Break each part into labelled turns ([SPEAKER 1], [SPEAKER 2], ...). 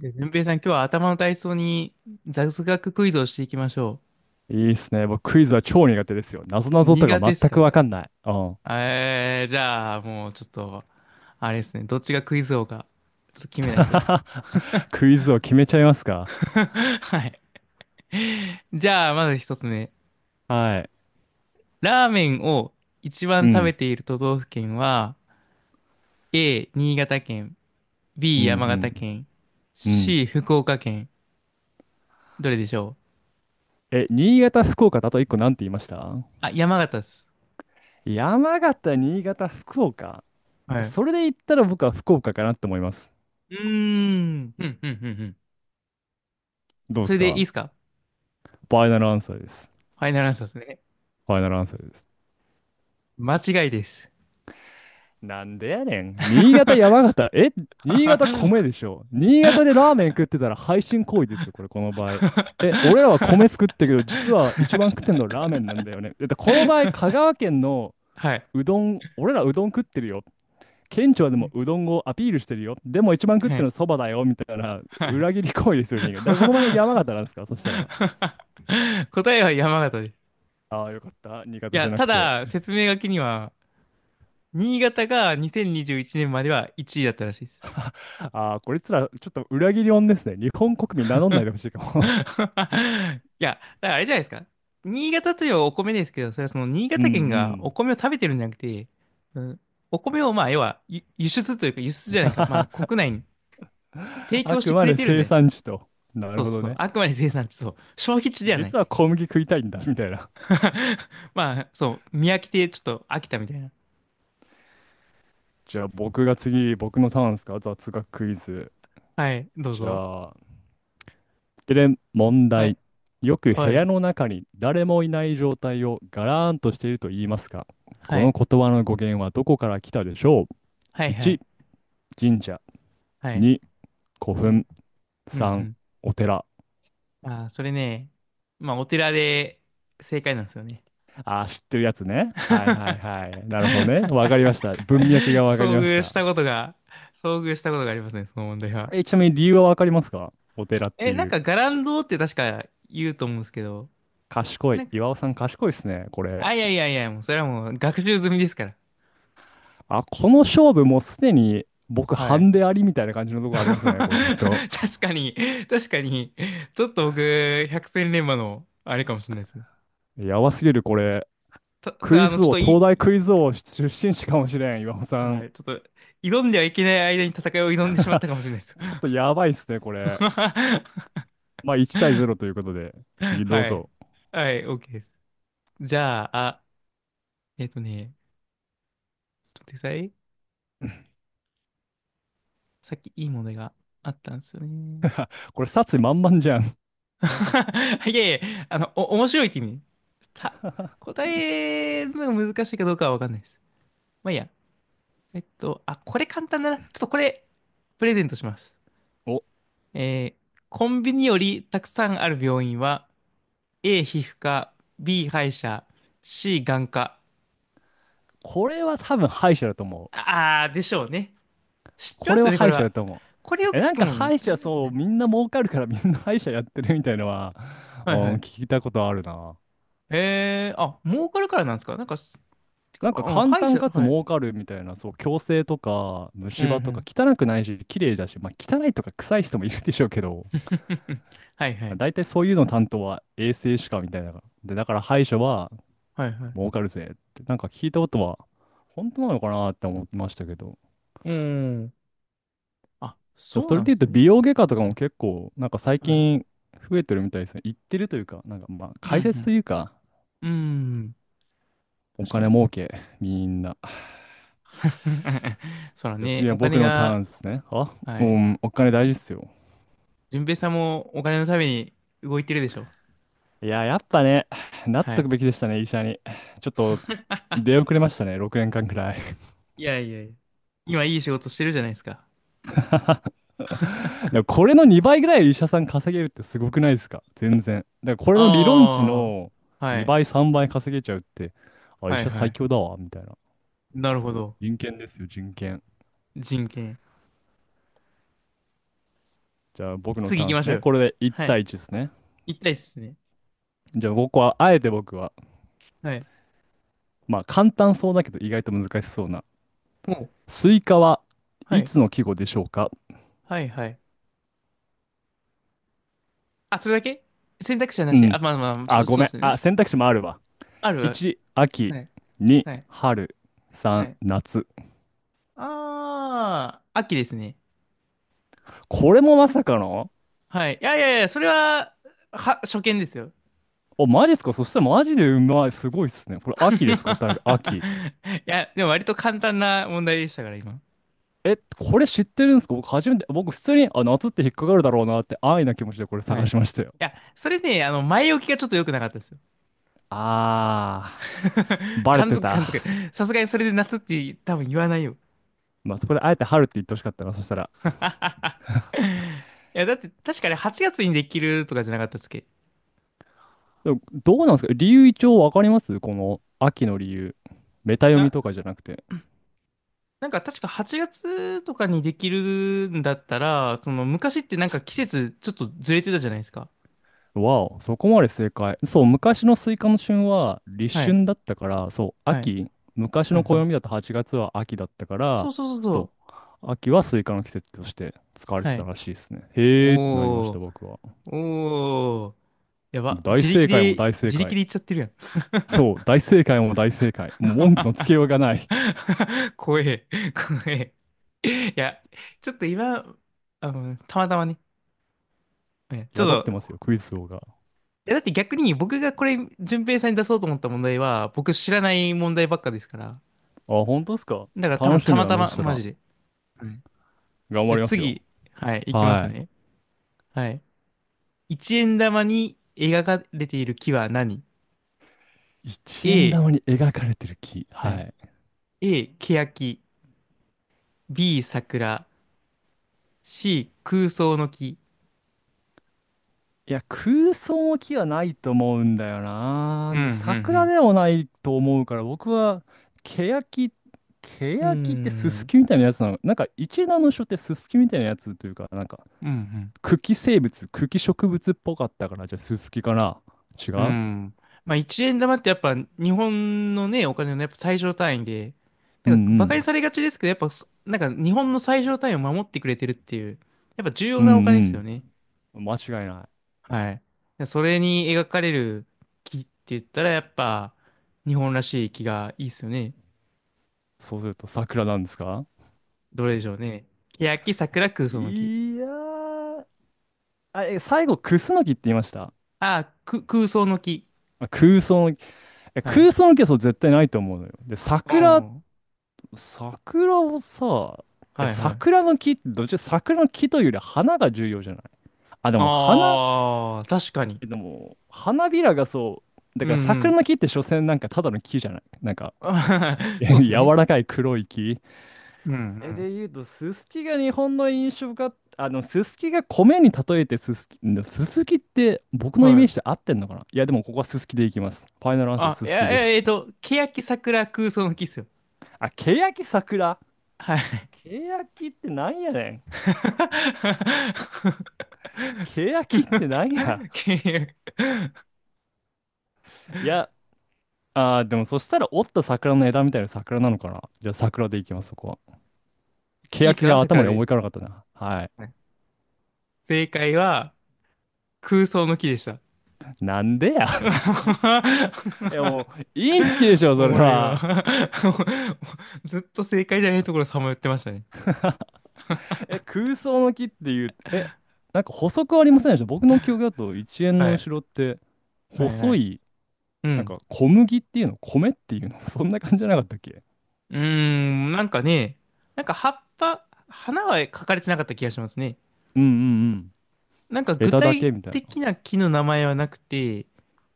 [SPEAKER 1] で、順平さん、今日は頭の体操に雑学クイズをしていきましょ
[SPEAKER 2] いいっすね。僕、クイズは超苦手ですよ。なぞ
[SPEAKER 1] う。
[SPEAKER 2] なぞと
[SPEAKER 1] 苦手
[SPEAKER 2] か
[SPEAKER 1] です
[SPEAKER 2] 全く
[SPEAKER 1] か？
[SPEAKER 2] わかんない。うん。
[SPEAKER 1] じゃあ、もうちょっと、あれですね、どっちがクイズ王か、ちょっと決めないと。
[SPEAKER 2] クイズを決めちゃいます か？
[SPEAKER 1] はい。じゃあ、まず一つ目。
[SPEAKER 2] はい。
[SPEAKER 1] ラーメンを一番
[SPEAKER 2] う
[SPEAKER 1] 食べ
[SPEAKER 2] ん。
[SPEAKER 1] ている都道府県は、A、新潟県、
[SPEAKER 2] う
[SPEAKER 1] B、山形
[SPEAKER 2] ん、
[SPEAKER 1] 県、
[SPEAKER 2] うん、うん。
[SPEAKER 1] C、福岡県。どれでしょう？
[SPEAKER 2] え、新潟、福岡だと一個なんて言いました？
[SPEAKER 1] あ、山形です。
[SPEAKER 2] 山形、新潟、福岡。
[SPEAKER 1] は
[SPEAKER 2] え、
[SPEAKER 1] い。う
[SPEAKER 2] それで言ったら僕は福岡かなって思います。
[SPEAKER 1] ーん。うん、うん、うん、うん。
[SPEAKER 2] どうで
[SPEAKER 1] そ
[SPEAKER 2] す
[SPEAKER 1] れでいい
[SPEAKER 2] か？
[SPEAKER 1] ですか？
[SPEAKER 2] ファイナルアンサーです。
[SPEAKER 1] ファイナルアンサーですね。
[SPEAKER 2] ファイナルアンサーです。
[SPEAKER 1] 間違いです。
[SPEAKER 2] なんでやねん。新潟、山
[SPEAKER 1] は
[SPEAKER 2] 形。え、新潟米でしょ。新潟でラーメン食ってたら配信行為ですよ、これ、この場合。え、俺らは米作ってるけど、実は一番食ってんのラーメンなんだよね。だってこの場合、香川県の
[SPEAKER 1] い。
[SPEAKER 2] うどん、俺らうどん食ってるよ。県庁でもうどんをアピールしてるよ。でも一番食っ
[SPEAKER 1] は
[SPEAKER 2] てる
[SPEAKER 1] い。
[SPEAKER 2] のそばだよ、みたいな
[SPEAKER 1] はい。
[SPEAKER 2] 裏切り行為ですよ、新潟。だからこの前山形なんですか、そしたら。
[SPEAKER 1] 答えは山形です。
[SPEAKER 2] ああ、よかった。新
[SPEAKER 1] い
[SPEAKER 2] 潟じ
[SPEAKER 1] や、
[SPEAKER 2] ゃな
[SPEAKER 1] た
[SPEAKER 2] くて。
[SPEAKER 1] だ、説明書きには、新潟が2021年までは1位だったらしいです。
[SPEAKER 2] ああ、こいつら、ちょっと裏切り音ですね。日本国民名乗んないでほしいかも。
[SPEAKER 1] いや、だからあれじゃないですか？新潟というお米ですけど、それはその新
[SPEAKER 2] うんう
[SPEAKER 1] 潟県がお
[SPEAKER 2] ん。
[SPEAKER 1] 米を食べてるんじゃなくて、うん、お米をまあ、要は輸出というか輸出じゃないか、まあ、国内に 提
[SPEAKER 2] あ
[SPEAKER 1] 供し
[SPEAKER 2] く
[SPEAKER 1] てく
[SPEAKER 2] ま
[SPEAKER 1] れ
[SPEAKER 2] で
[SPEAKER 1] てるんじゃない
[SPEAKER 2] 生
[SPEAKER 1] ですか？
[SPEAKER 2] 産地と。な
[SPEAKER 1] そ
[SPEAKER 2] る
[SPEAKER 1] う
[SPEAKER 2] ほ
[SPEAKER 1] そう
[SPEAKER 2] ど
[SPEAKER 1] そう。
[SPEAKER 2] ね。
[SPEAKER 1] あくまで生産地、そう。消費地ではない。
[SPEAKER 2] 実は小麦食いたいんだ、みたいな。
[SPEAKER 1] まあ、そう。見飽きて、ちょっと飽きたみたいな。
[SPEAKER 2] じゃあ僕が次、僕のターンですか？雑学クイズ。
[SPEAKER 1] はい、どう
[SPEAKER 2] じ
[SPEAKER 1] ぞ。
[SPEAKER 2] ゃあ、で、問
[SPEAKER 1] はい、
[SPEAKER 2] 題。よく部
[SPEAKER 1] はい、
[SPEAKER 2] 屋の中に誰もいない状態をガラーンとしていると言いますか？
[SPEAKER 1] は
[SPEAKER 2] この
[SPEAKER 1] い、
[SPEAKER 2] 言葉の語源はどこから来たでしょう？
[SPEAKER 1] はい、はい、
[SPEAKER 2] 1、神社。
[SPEAKER 1] はい、
[SPEAKER 2] 2、古
[SPEAKER 1] はい。
[SPEAKER 2] 墳。
[SPEAKER 1] うん、
[SPEAKER 2] 3、
[SPEAKER 1] う
[SPEAKER 2] お寺。
[SPEAKER 1] ん。ああ、それね、まあ、お寺で正解なんですよね。
[SPEAKER 2] ああ、知ってるやつね。はいはいは い。なるほどね。わかりました。文脈がわかり
[SPEAKER 1] 遭
[SPEAKER 2] まし
[SPEAKER 1] 遇し
[SPEAKER 2] た。
[SPEAKER 1] たことが、遭遇したことがありますね、その問題は。
[SPEAKER 2] え、ちなみに理由はわかりますか？お寺って
[SPEAKER 1] え、なん
[SPEAKER 2] いう。
[SPEAKER 1] か、伽藍堂って確か言うと思うんですけど、
[SPEAKER 2] 賢
[SPEAKER 1] な
[SPEAKER 2] い。
[SPEAKER 1] んか、
[SPEAKER 2] 岩尾さん賢いですね、これ。
[SPEAKER 1] あ、いやいやいや、もう、それはもう学習済みですから。
[SPEAKER 2] あ、この勝負もうすでに僕
[SPEAKER 1] はい。
[SPEAKER 2] 半でありみたいな感じの とこありますね、これちょっと。
[SPEAKER 1] 確かに、確かに、ちょっと僕、百戦錬磨の、あれかもしれないですね。
[SPEAKER 2] やばすぎる、これ。
[SPEAKER 1] そ
[SPEAKER 2] ク
[SPEAKER 1] れ、
[SPEAKER 2] イズ
[SPEAKER 1] ちょっ
[SPEAKER 2] 王、
[SPEAKER 1] と
[SPEAKER 2] 東
[SPEAKER 1] い、
[SPEAKER 2] 大クイズ王出身地かもしれん、岩尾さ
[SPEAKER 1] は
[SPEAKER 2] ん。
[SPEAKER 1] い、ちょっと、挑んではいけない間に戦いを挑んでしまったかもしれない です。
[SPEAKER 2] ちょっ とやばいっすね、これ。まあ1-0ということで、次どう
[SPEAKER 1] はい。
[SPEAKER 2] ぞ。
[SPEAKER 1] はい、OK です。じゃあ、あ、えっとね、ちょっと待ってください。さっきいい問題があったんですよね。
[SPEAKER 2] これ殺意満々じゃん。
[SPEAKER 1] いやいや、面白いって意味。た、答えるのが難しいかどうかはわかんないです。まあいいや。あ、これ簡単だな。ちょっとこれ、プレゼントします。
[SPEAKER 2] お、
[SPEAKER 1] コンビニよりたくさんある病院は、A 皮膚科、B 歯医者、C 眼科。
[SPEAKER 2] これは多分敗者だと思う。
[SPEAKER 1] あー、でしょうね。知って
[SPEAKER 2] こ
[SPEAKER 1] ま
[SPEAKER 2] れ
[SPEAKER 1] すよ
[SPEAKER 2] は
[SPEAKER 1] ね、こ
[SPEAKER 2] 歯
[SPEAKER 1] れ
[SPEAKER 2] 医者だ
[SPEAKER 1] は。
[SPEAKER 2] と思
[SPEAKER 1] これ
[SPEAKER 2] う。
[SPEAKER 1] よ
[SPEAKER 2] え、
[SPEAKER 1] く
[SPEAKER 2] な
[SPEAKER 1] 聞
[SPEAKER 2] ん
[SPEAKER 1] く
[SPEAKER 2] か
[SPEAKER 1] もん。
[SPEAKER 2] 歯医者そう、
[SPEAKER 1] ね。
[SPEAKER 2] みんな儲かるからみんな歯医者やってるみたいなのは、
[SPEAKER 1] は
[SPEAKER 2] う
[SPEAKER 1] いは
[SPEAKER 2] ん、
[SPEAKER 1] い。
[SPEAKER 2] 聞いたことあるな。
[SPEAKER 1] あ、儲かるからなんですか？なんか、てか、
[SPEAKER 2] なんか
[SPEAKER 1] うん、
[SPEAKER 2] 簡
[SPEAKER 1] 歯医
[SPEAKER 2] 単
[SPEAKER 1] 者、
[SPEAKER 2] かつ
[SPEAKER 1] はい。
[SPEAKER 2] 儲かるみたいな、そう、矯正とか
[SPEAKER 1] うん
[SPEAKER 2] 虫
[SPEAKER 1] う
[SPEAKER 2] 歯とか
[SPEAKER 1] ん。
[SPEAKER 2] 汚くないし、綺麗だし、まあ汚いとか臭い人もいるでしょうけど、
[SPEAKER 1] はいはい。
[SPEAKER 2] 大体そういうの担当は衛生士かみたいな。で、だから歯医者は
[SPEAKER 1] はいは
[SPEAKER 2] 儲
[SPEAKER 1] い。
[SPEAKER 2] かるぜって、なんか聞いたことは、本当なのかなって思ってましたけど。
[SPEAKER 1] うん。あ、
[SPEAKER 2] でも
[SPEAKER 1] そう
[SPEAKER 2] そ
[SPEAKER 1] な
[SPEAKER 2] れで
[SPEAKER 1] ん
[SPEAKER 2] 言
[SPEAKER 1] で
[SPEAKER 2] う
[SPEAKER 1] す
[SPEAKER 2] と
[SPEAKER 1] ね。
[SPEAKER 2] 美容外科とかも結構なんか最
[SPEAKER 1] はい。
[SPEAKER 2] 近増えてるみたいですね。行ってるというか、なんかまあ
[SPEAKER 1] う
[SPEAKER 2] 解説と
[SPEAKER 1] ん
[SPEAKER 2] いうか、
[SPEAKER 1] うん。うん。
[SPEAKER 2] お
[SPEAKER 1] 確か
[SPEAKER 2] 金
[SPEAKER 1] に。
[SPEAKER 2] 儲け、みんな。
[SPEAKER 1] そら
[SPEAKER 2] じゃあ
[SPEAKER 1] ね、
[SPEAKER 2] 次は
[SPEAKER 1] お金
[SPEAKER 2] 僕のター
[SPEAKER 1] が、
[SPEAKER 2] ンですね。あ、
[SPEAKER 1] は
[SPEAKER 2] う
[SPEAKER 1] い。
[SPEAKER 2] ん、お金大事っすよ。
[SPEAKER 1] 順平さんもお金のために動いてるでしょ？
[SPEAKER 2] いや、やっぱね、なっ
[SPEAKER 1] は
[SPEAKER 2] と
[SPEAKER 1] い。
[SPEAKER 2] くべきでしたね、医者に。ちょっと出遅れましたね、6年間くらい。
[SPEAKER 1] いやいやいや。今いい仕事してるじゃないですか？
[SPEAKER 2] でもこれの2倍ぐらい医者さん稼げるってすごくないですか？全然。だからこれの理論値
[SPEAKER 1] ああ、
[SPEAKER 2] の
[SPEAKER 1] はい。
[SPEAKER 2] 2倍、3倍稼げちゃうって、あ、医
[SPEAKER 1] はい
[SPEAKER 2] 者
[SPEAKER 1] は
[SPEAKER 2] 最
[SPEAKER 1] い。
[SPEAKER 2] 強だわ、みたいな。
[SPEAKER 1] なるほど。
[SPEAKER 2] 人権ですよ、人権。
[SPEAKER 1] 人権。
[SPEAKER 2] じゃあ僕の
[SPEAKER 1] 次
[SPEAKER 2] タ
[SPEAKER 1] 行
[SPEAKER 2] ーン
[SPEAKER 1] き
[SPEAKER 2] で
[SPEAKER 1] ま
[SPEAKER 2] す
[SPEAKER 1] しょ
[SPEAKER 2] ね。
[SPEAKER 1] う。
[SPEAKER 2] これで1
[SPEAKER 1] はい。
[SPEAKER 2] 対1ですね。
[SPEAKER 1] 行きたいっすね。
[SPEAKER 2] じゃあここは、あえて僕は、
[SPEAKER 1] はい。
[SPEAKER 2] まあ簡単そうだけど意外と難しそうな。
[SPEAKER 1] もう、
[SPEAKER 2] スイカは
[SPEAKER 1] は
[SPEAKER 2] い
[SPEAKER 1] い。
[SPEAKER 2] つの季語でしょうか？
[SPEAKER 1] はいはい。あ、それだけ選択肢はな
[SPEAKER 2] う
[SPEAKER 1] し。あ、
[SPEAKER 2] ん。
[SPEAKER 1] まあまあ、
[SPEAKER 2] あ、ご
[SPEAKER 1] そう
[SPEAKER 2] め
[SPEAKER 1] で
[SPEAKER 2] ん。
[SPEAKER 1] すよね。
[SPEAKER 2] あ、選択肢もあるわ。
[SPEAKER 1] あるある。
[SPEAKER 2] 1、秋。
[SPEAKER 1] はい。
[SPEAKER 2] 2、
[SPEAKER 1] はい。
[SPEAKER 2] 春。
[SPEAKER 1] は
[SPEAKER 2] 3、
[SPEAKER 1] い。
[SPEAKER 2] 夏。
[SPEAKER 1] ああ、秋ですね。
[SPEAKER 2] これもまさかの、
[SPEAKER 1] はい。いやいやいや、それは、初見ですよ。
[SPEAKER 2] お、マジっすか？そしたらマジでうまい。すごいっすね。これ秋です、答えが。秋。
[SPEAKER 1] いや、でも割と簡単な問題でしたから、今。
[SPEAKER 2] え、これ知ってるんですか？僕初めて、僕普通に、あ、夏って引っかかるだろうなって安易な気持ちでこれ
[SPEAKER 1] はい。
[SPEAKER 2] 探
[SPEAKER 1] い
[SPEAKER 2] しましたよ。
[SPEAKER 1] や、それね、前置きがちょっと良くなかったですよ。
[SPEAKER 2] あー、バレ
[SPEAKER 1] 感
[SPEAKER 2] て
[SPEAKER 1] づく、
[SPEAKER 2] た。
[SPEAKER 1] 感づく。さすがにそれで夏って多分言わないよ。
[SPEAKER 2] まあそこであえて春って言ってほしかったな、そしたら。
[SPEAKER 1] いや、だって確かに8月にできるとかじゃなかったっすっけ？い
[SPEAKER 2] でもどうなんですか、理由一応わかりますこの秋の理由。メタ読み
[SPEAKER 1] や、
[SPEAKER 2] とかじゃなくて。
[SPEAKER 1] なんか確か8月とかにできるんだったら、その昔ってなんか季節ちょっとずれてたじゃないですか？
[SPEAKER 2] わお、そこまで正解。そう、昔のスイカの旬は
[SPEAKER 1] は
[SPEAKER 2] 立
[SPEAKER 1] い。
[SPEAKER 2] 春だったから、そう、
[SPEAKER 1] はい。
[SPEAKER 2] 秋。昔
[SPEAKER 1] う
[SPEAKER 2] の
[SPEAKER 1] んうん。
[SPEAKER 2] 暦だと8月は秋だったか
[SPEAKER 1] そ
[SPEAKER 2] ら、
[SPEAKER 1] うそうそうそ
[SPEAKER 2] そ
[SPEAKER 1] う。
[SPEAKER 2] う、秋はスイカの季節として使われて
[SPEAKER 1] は
[SPEAKER 2] た
[SPEAKER 1] い。
[SPEAKER 2] らしいですね。へーってなりまし
[SPEAKER 1] お
[SPEAKER 2] た、
[SPEAKER 1] ー。
[SPEAKER 2] 僕は。
[SPEAKER 1] おー。やば。
[SPEAKER 2] 大
[SPEAKER 1] 自
[SPEAKER 2] 正
[SPEAKER 1] 力
[SPEAKER 2] 解も
[SPEAKER 1] で、
[SPEAKER 2] 大正
[SPEAKER 1] 自力
[SPEAKER 2] 解。
[SPEAKER 1] で行っちゃってるやん。
[SPEAKER 2] そう、大正解も大正解。もう文句のつけようがない。
[SPEAKER 1] 怖え。怖え。いや、ちょっと今、たまたまね。ね。ち
[SPEAKER 2] 宿っ
[SPEAKER 1] ょっ
[SPEAKER 2] てま
[SPEAKER 1] と、
[SPEAKER 2] すよ、クイズ王が。
[SPEAKER 1] いやだって逆に僕がこれ、順平さんに出そうと思った問題は、僕知らない問題ばっかですから。
[SPEAKER 2] あ、本当ですか？
[SPEAKER 1] だから多
[SPEAKER 2] 楽
[SPEAKER 1] 分
[SPEAKER 2] し
[SPEAKER 1] た
[SPEAKER 2] み
[SPEAKER 1] ま
[SPEAKER 2] だ
[SPEAKER 1] た
[SPEAKER 2] な、そ
[SPEAKER 1] ま、
[SPEAKER 2] した
[SPEAKER 1] マ
[SPEAKER 2] ら。
[SPEAKER 1] ジで。はい。
[SPEAKER 2] 頑
[SPEAKER 1] じゃ
[SPEAKER 2] 張
[SPEAKER 1] あ
[SPEAKER 2] りますよ。
[SPEAKER 1] 次、はい、いきます
[SPEAKER 2] は
[SPEAKER 1] ね。はい。一円玉に描かれている木は何？
[SPEAKER 2] い。一
[SPEAKER 1] A、
[SPEAKER 2] 円玉に描かれてる木。
[SPEAKER 1] は
[SPEAKER 2] は
[SPEAKER 1] い。
[SPEAKER 2] い。
[SPEAKER 1] A、欅。B、桜。C、空想の木。
[SPEAKER 2] いや、空想の木はないと思うんだよな。
[SPEAKER 1] う
[SPEAKER 2] で、桜
[SPEAKER 1] ん、
[SPEAKER 2] でもないと思うから、僕は、ケヤキ、ケ
[SPEAKER 1] うん、
[SPEAKER 2] ヤキってス
[SPEAKER 1] う
[SPEAKER 2] ス
[SPEAKER 1] ん。
[SPEAKER 2] キみたいなやつなの。なんか、一円玉の書ってススキみたいなやつというか、なんか、
[SPEAKER 1] うん、
[SPEAKER 2] 茎植物っぽかったから、じゃあススキかな。違
[SPEAKER 1] うん、
[SPEAKER 2] う、
[SPEAKER 1] うん。まあ、1円玉ってやっぱ日本のね、お金のねやっぱ最小単位で、
[SPEAKER 2] う
[SPEAKER 1] な
[SPEAKER 2] んう
[SPEAKER 1] んか馬鹿に
[SPEAKER 2] ん。
[SPEAKER 1] されがちですけど、やっぱそ、なんか日本の最小単位を守ってくれてるっていう、やっぱ重
[SPEAKER 2] う
[SPEAKER 1] 要なお金
[SPEAKER 2] ん
[SPEAKER 1] ですよね。
[SPEAKER 2] うん。間違いない。
[SPEAKER 1] はい。でそれに描かれる木って言ったらやっぱ日本らしい木がいいですよね。
[SPEAKER 2] そうすると桜なんですか？
[SPEAKER 1] どれでしょうね。欅、桜、空想の木。
[SPEAKER 2] いやー、あ、え、最後、クスノキって言いました？
[SPEAKER 1] ああ、空想の木。
[SPEAKER 2] まあ空想の木、え、
[SPEAKER 1] はい。
[SPEAKER 2] 空想の木はそう絶対ないと思うのよ。で、
[SPEAKER 1] う
[SPEAKER 2] 桜、
[SPEAKER 1] ん。
[SPEAKER 2] 桜をさ、え、
[SPEAKER 1] はいは
[SPEAKER 2] 桜
[SPEAKER 1] い。
[SPEAKER 2] の木って、どっちら桜の木というより花が重要じゃない？あ、でも花、
[SPEAKER 1] ああ、確かに。
[SPEAKER 2] え、でも、花びらがそう、だ
[SPEAKER 1] うん
[SPEAKER 2] から
[SPEAKER 1] う
[SPEAKER 2] 桜
[SPEAKER 1] ん。
[SPEAKER 2] の木って所詮なんかただの木じゃないなんか、
[SPEAKER 1] あ
[SPEAKER 2] え、
[SPEAKER 1] そうですね。
[SPEAKER 2] 柔らかい黒い木？
[SPEAKER 1] うんう
[SPEAKER 2] え、
[SPEAKER 1] ん。
[SPEAKER 2] で言うと、ススキが日本の印象が、あの、ススキが米に例えてススキ、んススキって僕のイ
[SPEAKER 1] は
[SPEAKER 2] メー
[SPEAKER 1] い。
[SPEAKER 2] ジで合ってんのかな？いや、でもここはススキでいきます。ファイナルアンサー、
[SPEAKER 1] あ、
[SPEAKER 2] ス
[SPEAKER 1] い
[SPEAKER 2] ス
[SPEAKER 1] や、
[SPEAKER 2] キ
[SPEAKER 1] い
[SPEAKER 2] で
[SPEAKER 1] や
[SPEAKER 2] す。
[SPEAKER 1] 欅桜空想の木っすよ。
[SPEAKER 2] あ、ケヤキ桜。
[SPEAKER 1] はい。
[SPEAKER 2] ケヤキってなんやねん。ケヤキってなんや。
[SPEAKER 1] 欅。
[SPEAKER 2] いや、あー、でもそしたら折った桜の枝みたいな桜なのかな？じゃあ桜でいきます、そこは。ケ
[SPEAKER 1] いい
[SPEAKER 2] ヤ
[SPEAKER 1] っす
[SPEAKER 2] キ
[SPEAKER 1] か、
[SPEAKER 2] が
[SPEAKER 1] 桜
[SPEAKER 2] 頭に思
[SPEAKER 1] で？
[SPEAKER 2] い浮かばなかったな。はい。
[SPEAKER 1] はい。正解は、空想の木でした。
[SPEAKER 2] なんでや。いやも う、インチキでしょ、
[SPEAKER 1] お
[SPEAKER 2] そ
[SPEAKER 1] も
[SPEAKER 2] れ
[SPEAKER 1] ろいわ。
[SPEAKER 2] は。
[SPEAKER 1] ずっと正解じゃないところさまよってましたね。
[SPEAKER 2] え、空想の木っていう、え、なんか補足ありませんでした？僕の記憶だと一円
[SPEAKER 1] は
[SPEAKER 2] の
[SPEAKER 1] い。
[SPEAKER 2] 後ろって、
[SPEAKER 1] はいは
[SPEAKER 2] 細
[SPEAKER 1] い。
[SPEAKER 2] い、
[SPEAKER 1] う
[SPEAKER 2] なん
[SPEAKER 1] ん。
[SPEAKER 2] か小麦っていうの、米っていうの、そんな感じじゃなかったっけ？
[SPEAKER 1] うーん、なんかね、なんか葉っぱ、花は描かれてなかった気がしますね。
[SPEAKER 2] うんうんうん。
[SPEAKER 1] なんか具
[SPEAKER 2] 枝だ
[SPEAKER 1] 体
[SPEAKER 2] けみたいな。
[SPEAKER 1] 的な木の名前はなくて、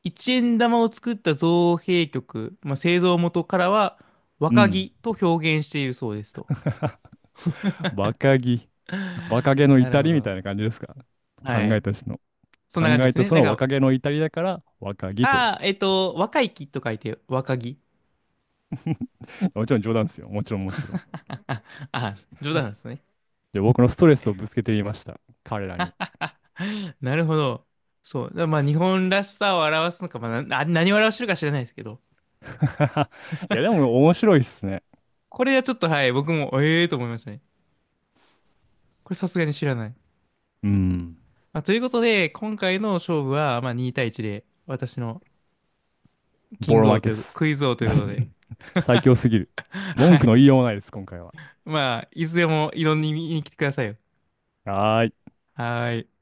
[SPEAKER 1] 一円玉を作った造幣局、まあ、製造元からは
[SPEAKER 2] う
[SPEAKER 1] 若
[SPEAKER 2] ん。
[SPEAKER 1] 木と表現しているそうですと。
[SPEAKER 2] バカギ。バカゲの
[SPEAKER 1] なる
[SPEAKER 2] 至
[SPEAKER 1] ほ
[SPEAKER 2] りみ
[SPEAKER 1] ど。
[SPEAKER 2] たいな感じですか？考
[SPEAKER 1] は
[SPEAKER 2] え
[SPEAKER 1] い。
[SPEAKER 2] た人の。
[SPEAKER 1] そん
[SPEAKER 2] 考
[SPEAKER 1] な感じで
[SPEAKER 2] え
[SPEAKER 1] す
[SPEAKER 2] た
[SPEAKER 1] ね。
[SPEAKER 2] そ
[SPEAKER 1] なん
[SPEAKER 2] の
[SPEAKER 1] か、
[SPEAKER 2] 若気の至りだから若気と。
[SPEAKER 1] ああ、若い木と書いて若木。
[SPEAKER 2] もちろん冗談ですよ。もちろんもちろん。
[SPEAKER 1] あ、あ、冗談なんですね。
[SPEAKER 2] で、僕のストレスをぶつけてみました。彼らに。
[SPEAKER 1] なるほど。そう。だからまあ日本らしさを表すのか、まあ、何を表してるか知らないですけど。
[SPEAKER 2] いや、でも面白いっすね。
[SPEAKER 1] これはちょっとはい、僕も、ええーと思いましたね。これさすがに知らない。
[SPEAKER 2] うん。
[SPEAKER 1] まあ、ということで、今回の勝負は、まあ、2対1で、私のキ
[SPEAKER 2] ボ
[SPEAKER 1] ング
[SPEAKER 2] ロ
[SPEAKER 1] 王
[SPEAKER 2] 負け
[SPEAKER 1] とい
[SPEAKER 2] っ
[SPEAKER 1] う、
[SPEAKER 2] す。
[SPEAKER 1] クイズ王ということで、
[SPEAKER 2] 最強すぎる。
[SPEAKER 1] は
[SPEAKER 2] 文句
[SPEAKER 1] い。
[SPEAKER 2] の言いようもないです、今回は。
[SPEAKER 1] まあ、いつでも挑みに来てくださいよ。
[SPEAKER 2] はーい。
[SPEAKER 1] はーい。